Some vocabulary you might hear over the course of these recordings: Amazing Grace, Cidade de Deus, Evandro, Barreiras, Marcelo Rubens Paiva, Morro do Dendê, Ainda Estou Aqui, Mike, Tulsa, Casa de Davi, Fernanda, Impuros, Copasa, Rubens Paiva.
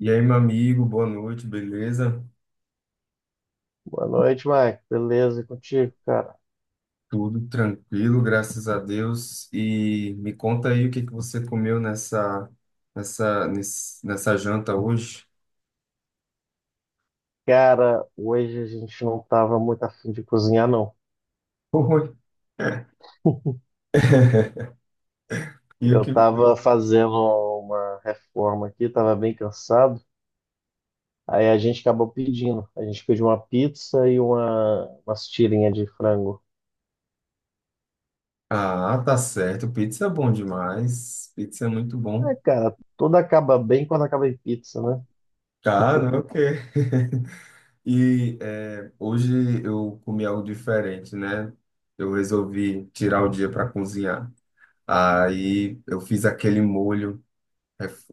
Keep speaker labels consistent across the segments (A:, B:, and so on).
A: E aí, meu amigo, boa noite, beleza?
B: Boa noite, Mike. Beleza, e contigo, cara?
A: Tudo tranquilo, graças a Deus. E me conta aí o que que você comeu nessa janta hoje?
B: Cara, hoje a gente não tava muito afim de cozinhar, não.
A: Oi. E o
B: Eu
A: que foi?
B: tava fazendo uma reforma aqui, tava bem cansado. Aí a gente acabou pedindo. A gente pediu uma pizza e umas tirinhas de frango.
A: Ah, tá certo. Pizza é bom demais. Pizza é muito bom.
B: É, cara, tudo acaba bem quando acaba em pizza, né?
A: Cara, ok. E hoje eu comi algo diferente, né? Eu resolvi tirar o dia para cozinhar. Aí eu fiz aquele molho.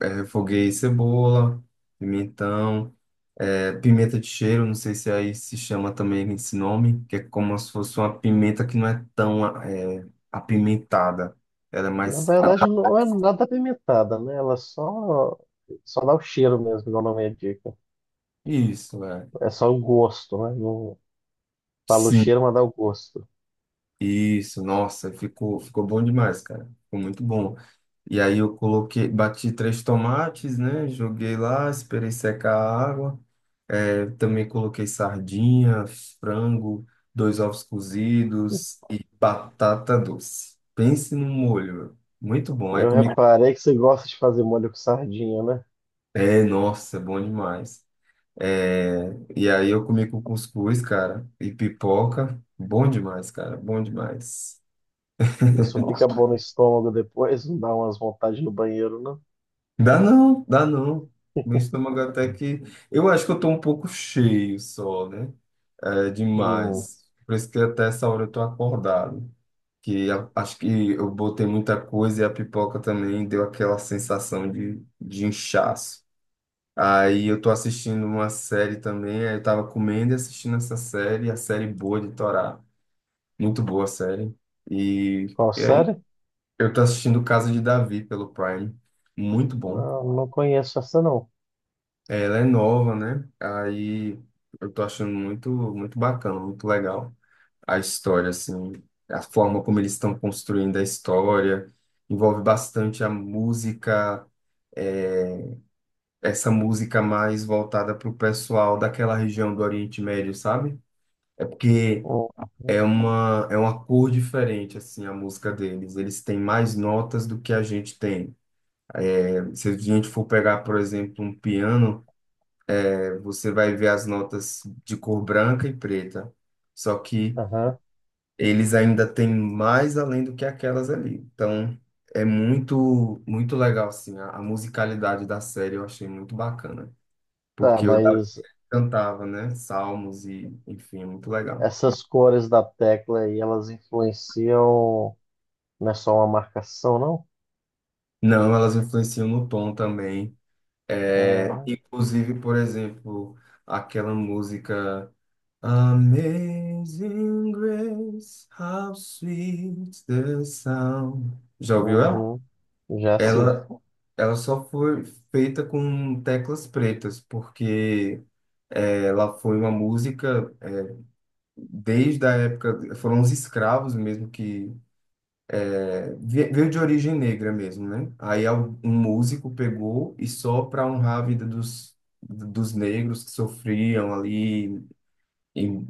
A: Refoguei cebola, pimentão, pimenta de cheiro, não sei se aí se chama também esse nome, que é como se fosse uma pimenta que não é tão apimentada. Ela é
B: Na
A: mais.
B: verdade, não é nada apimentada, né? Só dá o cheiro mesmo, igual o nome indica.
A: Isso, é.
B: É só o gosto, né? Não fala o
A: Sim,
B: cheiro, mas dá o gosto.
A: isso, nossa, ficou bom demais, cara. Ficou muito bom. E aí eu coloquei, bati três tomates, né? Joguei lá, esperei secar a água. Eu também coloquei sardinha, frango, dois ovos cozidos e batata doce. Pense num molho, meu. Muito bom. Aí
B: Eu
A: comi.
B: reparei que você gosta de fazer molho com sardinha, né?
A: É, nossa, bom demais. É, e aí eu comi com cuscuz, cara, e pipoca. Bom demais, cara, bom demais.
B: Isso fica bom no estômago depois, não dá umas vontades no banheiro, não?
A: Dá não, dá não. Meu estômago até que. Eu acho que eu tô um pouco cheio só, né? É
B: Hum,
A: demais. Por isso que até essa hora eu tô acordado. Que a- acho que eu botei muita coisa e a pipoca também deu aquela sensação de inchaço. Aí eu tô assistindo uma série também, aí eu tava comendo e assistindo essa série, a série boa de Torá. Muito boa a série. E
B: qual
A: é,
B: série?
A: eu tô assistindo Casa de Davi pelo Prime. Muito bom.
B: Não, não conheço essa, não.
A: Ela é nova, né? Aí eu tô achando muito bacana, muito legal. A história, assim, a forma como eles estão construindo a história, envolve bastante a música, é, essa música mais voltada para o pessoal daquela região do Oriente Médio, sabe? É porque
B: Hum.
A: é é uma cor diferente, assim, a música deles. Eles têm mais notas do que a gente tem. É, se a gente for pegar, por exemplo, um piano, você vai ver as notas de cor branca e preta. Só que
B: Aham.
A: eles ainda têm mais além do que aquelas ali. Então, é muito legal, assim, a musicalidade da série eu achei muito bacana,
B: Tá,
A: porque o Davi
B: mas
A: cantava, né, salmos e, enfim, é muito legal.
B: essas cores da tecla aí, elas influenciam, não é só uma marcação, não?
A: Não, elas influenciam no tom também, é,
B: Ah,
A: inclusive, por exemplo, aquela música Amazing Grace, how sweet the sound. Já ouviu ela?
B: uhum. Já sim,
A: Ela, ela só foi feita com teclas pretas, porque ela foi uma música desde a época, foram os escravos mesmo que veio de origem negra mesmo, né? Aí al- um músico pegou e só para honrar a vida dos, dos negros que sofriam ali em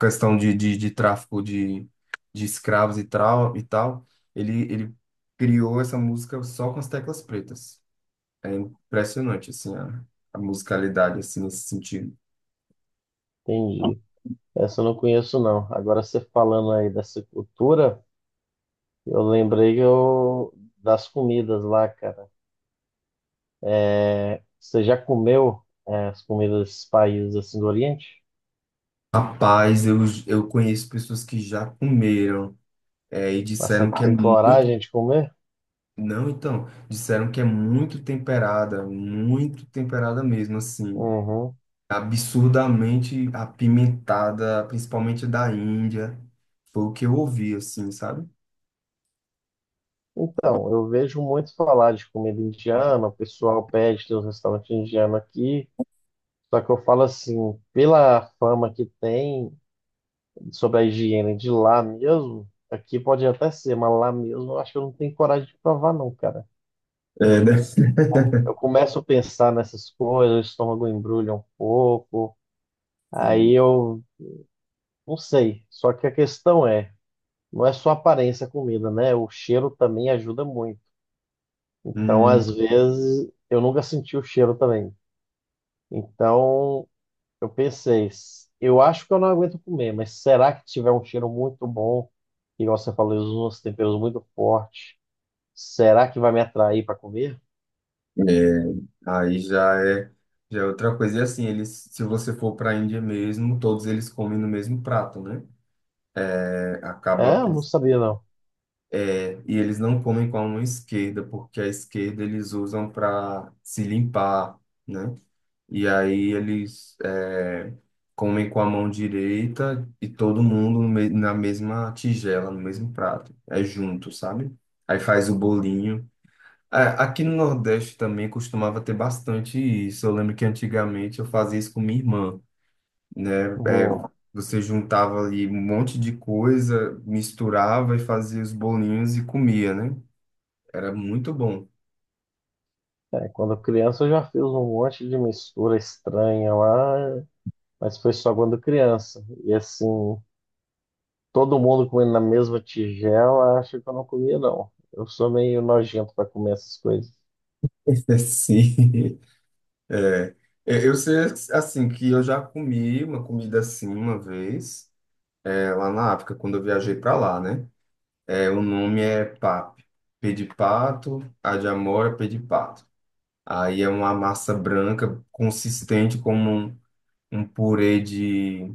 A: questão de tráfico de escravos e tal, ele criou essa música só com as teclas pretas. É impressionante, assim, a musicalidade, assim, nesse sentido.
B: entendi. Essa eu não conheço, não. Agora você falando aí dessa cultura, eu lembrei que das comidas lá, cara. É, você já comeu as comidas desses países assim do Oriente?
A: Rapaz, eu conheço pessoas que já comeram, é, e
B: Mas você
A: disseram que é
B: tem coragem
A: muito...
B: de comer?
A: Não, então, disseram que é muito temperada mesmo, assim,
B: Uhum.
A: absurdamente apimentada, principalmente da Índia. Foi o que eu ouvi, assim, sabe?
B: Então, eu vejo muito falar de comida indiana, o pessoal pede, tem um restaurante indiano aqui. Só que eu falo assim, pela fama que tem sobre a higiene de lá mesmo, aqui pode até ser, mas lá mesmo eu acho que eu não tenho coragem de provar, não, cara.
A: É, né?
B: Eu começo a pensar nessas coisas, o estômago embrulha um pouco, aí
A: Sim.
B: eu Não sei. Só que a questão é, não é só a aparência a comida, né? O cheiro também ajuda muito. Então,
A: Hum.
B: às vezes, eu nunca senti o cheiro também. Então, eu pensei, eu acho que eu não aguento comer, mas será que tiver um cheiro muito bom, igual você falou, eles usam uns temperos muito fortes, será que vai me atrair para comer?
A: É, aí já é outra coisa. E assim, eles, se você for para a Índia mesmo, todos eles comem no mesmo prato, né? É, acaba,
B: É, eu não sabia não.
A: é, e eles não comem com a mão esquerda, porque a esquerda eles usam para se limpar, né? E aí comem com a mão direita e todo mundo no me- na mesma tigela, no mesmo prato. É junto, sabe? Aí faz o bolinho. A- Aqui no Nordeste também costumava ter bastante isso. Eu lembro que antigamente eu fazia isso com minha irmã, né? É,
B: Uhum.
A: você juntava ali um monte de coisa, misturava e fazia os bolinhos e comia, né? Era muito bom.
B: É, quando criança eu já fiz um monte de mistura estranha lá, mas foi só quando criança. E assim, todo mundo comendo na mesma tigela, acho que eu não comia, não. Eu sou meio nojento para comer essas coisas.
A: Sim. É. É, eu sei, assim, que eu já comi uma comida assim uma vez, é, lá na África, quando eu viajei para lá, né? É, o nome é pap. Pé de pato, a de amora, pé de pato. Aí é uma massa branca consistente como um purê de,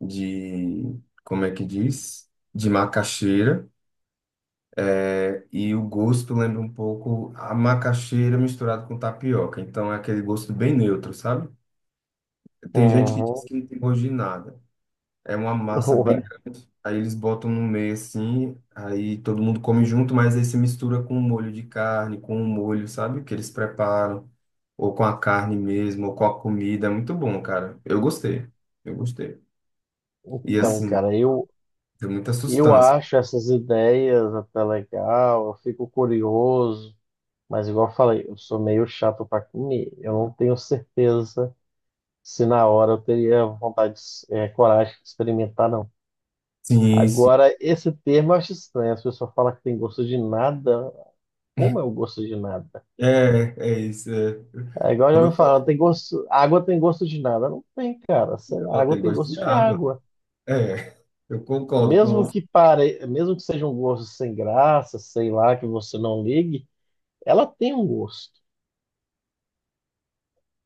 A: de, como é que diz? De macaxeira. É, e o gosto lembra um pouco a macaxeira misturada com tapioca. Então é aquele gosto bem neutro, sabe? Tem gente que diz
B: Uhum.
A: que não tem gosto de nada. É uma massa bem.
B: Ué,
A: Aí eles botam no meio assim, aí todo mundo come junto, mas aí se mistura com o molho de carne, com o molho, sabe, que eles preparam, ou com a carne mesmo, ou com a comida. É muito bom, cara. Eu gostei. Eu gostei. E
B: então,
A: assim, tem muita
B: eu
A: sustância.
B: acho essas ideias até legal, eu fico curioso, mas igual eu falei, eu sou meio chato para comer. Eu não tenho certeza se na hora eu teria coragem de experimentar, não.
A: Sim, sim.
B: Agora, esse termo eu acho estranho. As pessoas falam que tem gosto de nada. Como é o gosto de nada?
A: É, é isso. É.
B: É igual já
A: Quando eu
B: me falaram,
A: falo
B: tem gosto, água tem gosto de nada. Não tem, cara. Sei
A: que
B: lá,
A: ela
B: água
A: tem
B: tem
A: gosto de
B: gosto de
A: água,
B: água.
A: é, eu concordo com
B: Mesmo
A: você.
B: que pare, mesmo que seja um gosto sem graça, sei lá, que você não ligue, ela tem um gosto.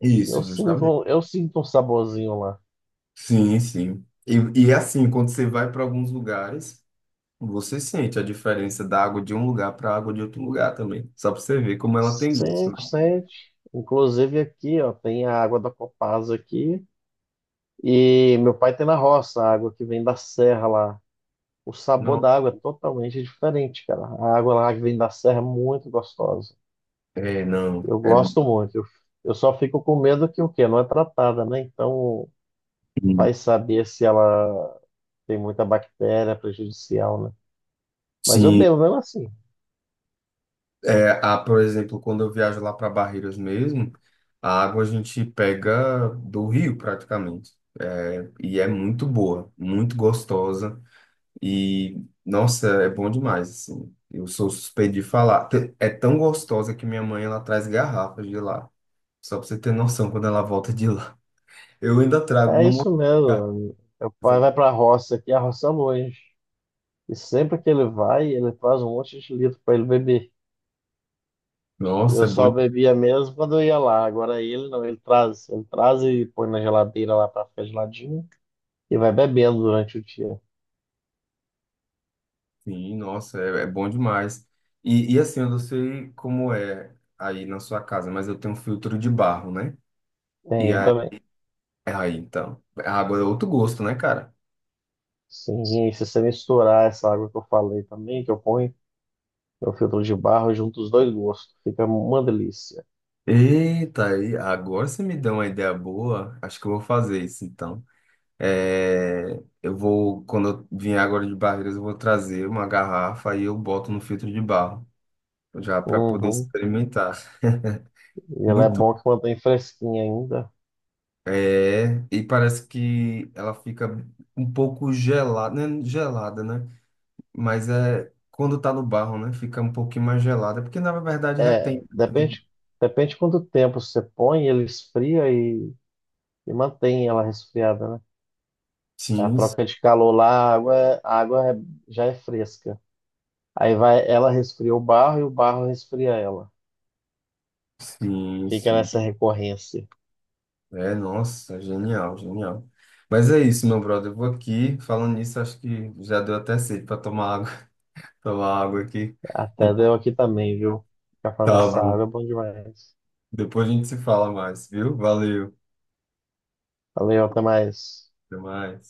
A: Isso, justamente.
B: Eu sinto um saborzinho lá.
A: Sim, sim. E assim, quando você vai para alguns lugares. Você sente a diferença da água de um lugar para a água de outro lugar também. Só para você ver como ela tem gosto. Né?
B: Sente, sente. Inclusive aqui, ó, tem a água da Copasa aqui. E meu pai tem na roça a água que vem da serra lá. O sabor
A: Não,
B: da água é totalmente diferente, cara. A água lá que vem da serra é muito gostosa.
A: é, não.
B: Eu
A: É,
B: gosto muito. Eu só fico com medo que o quê? Não é tratada, né? Então vai saber se ela tem muita bactéria prejudicial, né? Mas eu
A: sim.
B: bebo mesmo assim.
A: É, a, por exemplo, quando eu viajo lá para Barreiras mesmo, a água a gente pega do rio praticamente. É, e é muito boa, muito gostosa. E, nossa, é bom demais, assim. Eu sou suspeito de falar. Te- É tão gostosa que minha mãe, ela traz garrafas de lá. Só para você ter noção, quando ela volta de lá. Eu ainda trago
B: É
A: um.
B: isso mesmo. Meu
A: Mas é
B: pai
A: bom.
B: vai para a roça aqui, a roça é longe. E sempre que ele vai, ele traz um monte de litro para ele beber.
A: Nossa,
B: Eu
A: é
B: só
A: bom.
B: bebia mesmo quando eu ia lá. Agora ele não, ele traz e põe na geladeira lá para ficar geladinho e vai bebendo durante o dia.
A: Sim, nossa, é, é bom demais. E assim, eu não sei como é aí na sua casa, mas eu tenho um filtro de barro, né?
B: Tem,
A: E
B: eu
A: aí,
B: também.
A: aí então. A água é outro gosto, né, cara?
B: Sim, e aí se você misturar essa água que eu falei também, que eu ponho no filtro de barro, junto os dois gostos, fica uma delícia.
A: Eita, aí, agora você me deu uma ideia boa. Acho que eu vou fazer isso, então. É, eu vou, quando eu vier agora de Barreiras, eu vou trazer uma garrafa e eu boto no filtro de barro, já para poder
B: Uhum.
A: experimentar.
B: E ela é
A: Muito.
B: bom que mantém fresquinha ainda.
A: É, e parece que ela fica um pouco gelada, né? Gelada, né? Mas é quando tá no barro, né? Fica um pouquinho mais gelada, porque na verdade
B: É,
A: retém. Retém.
B: depende quanto tempo você põe, ele esfria e mantém ela resfriada, né? A
A: Sim,
B: troca de calor lá, a água, é- a água é- já é fresca. Aí vai, ela resfria o barro e o barro resfria ela.
A: sim,
B: Fica
A: sim.
B: nessa recorrência.
A: É, nossa, genial, genial. Mas é isso, meu brother. Eu vou aqui, falando nisso, acho que já deu até sede para tomar água, tomar água aqui.
B: Até deu aqui também, viu? Ficar falando
A: Tá
B: dessa
A: bom.
B: água é bom demais.
A: Depois a gente se fala mais, viu? Valeu,
B: Valeu, até mais.
A: até mais.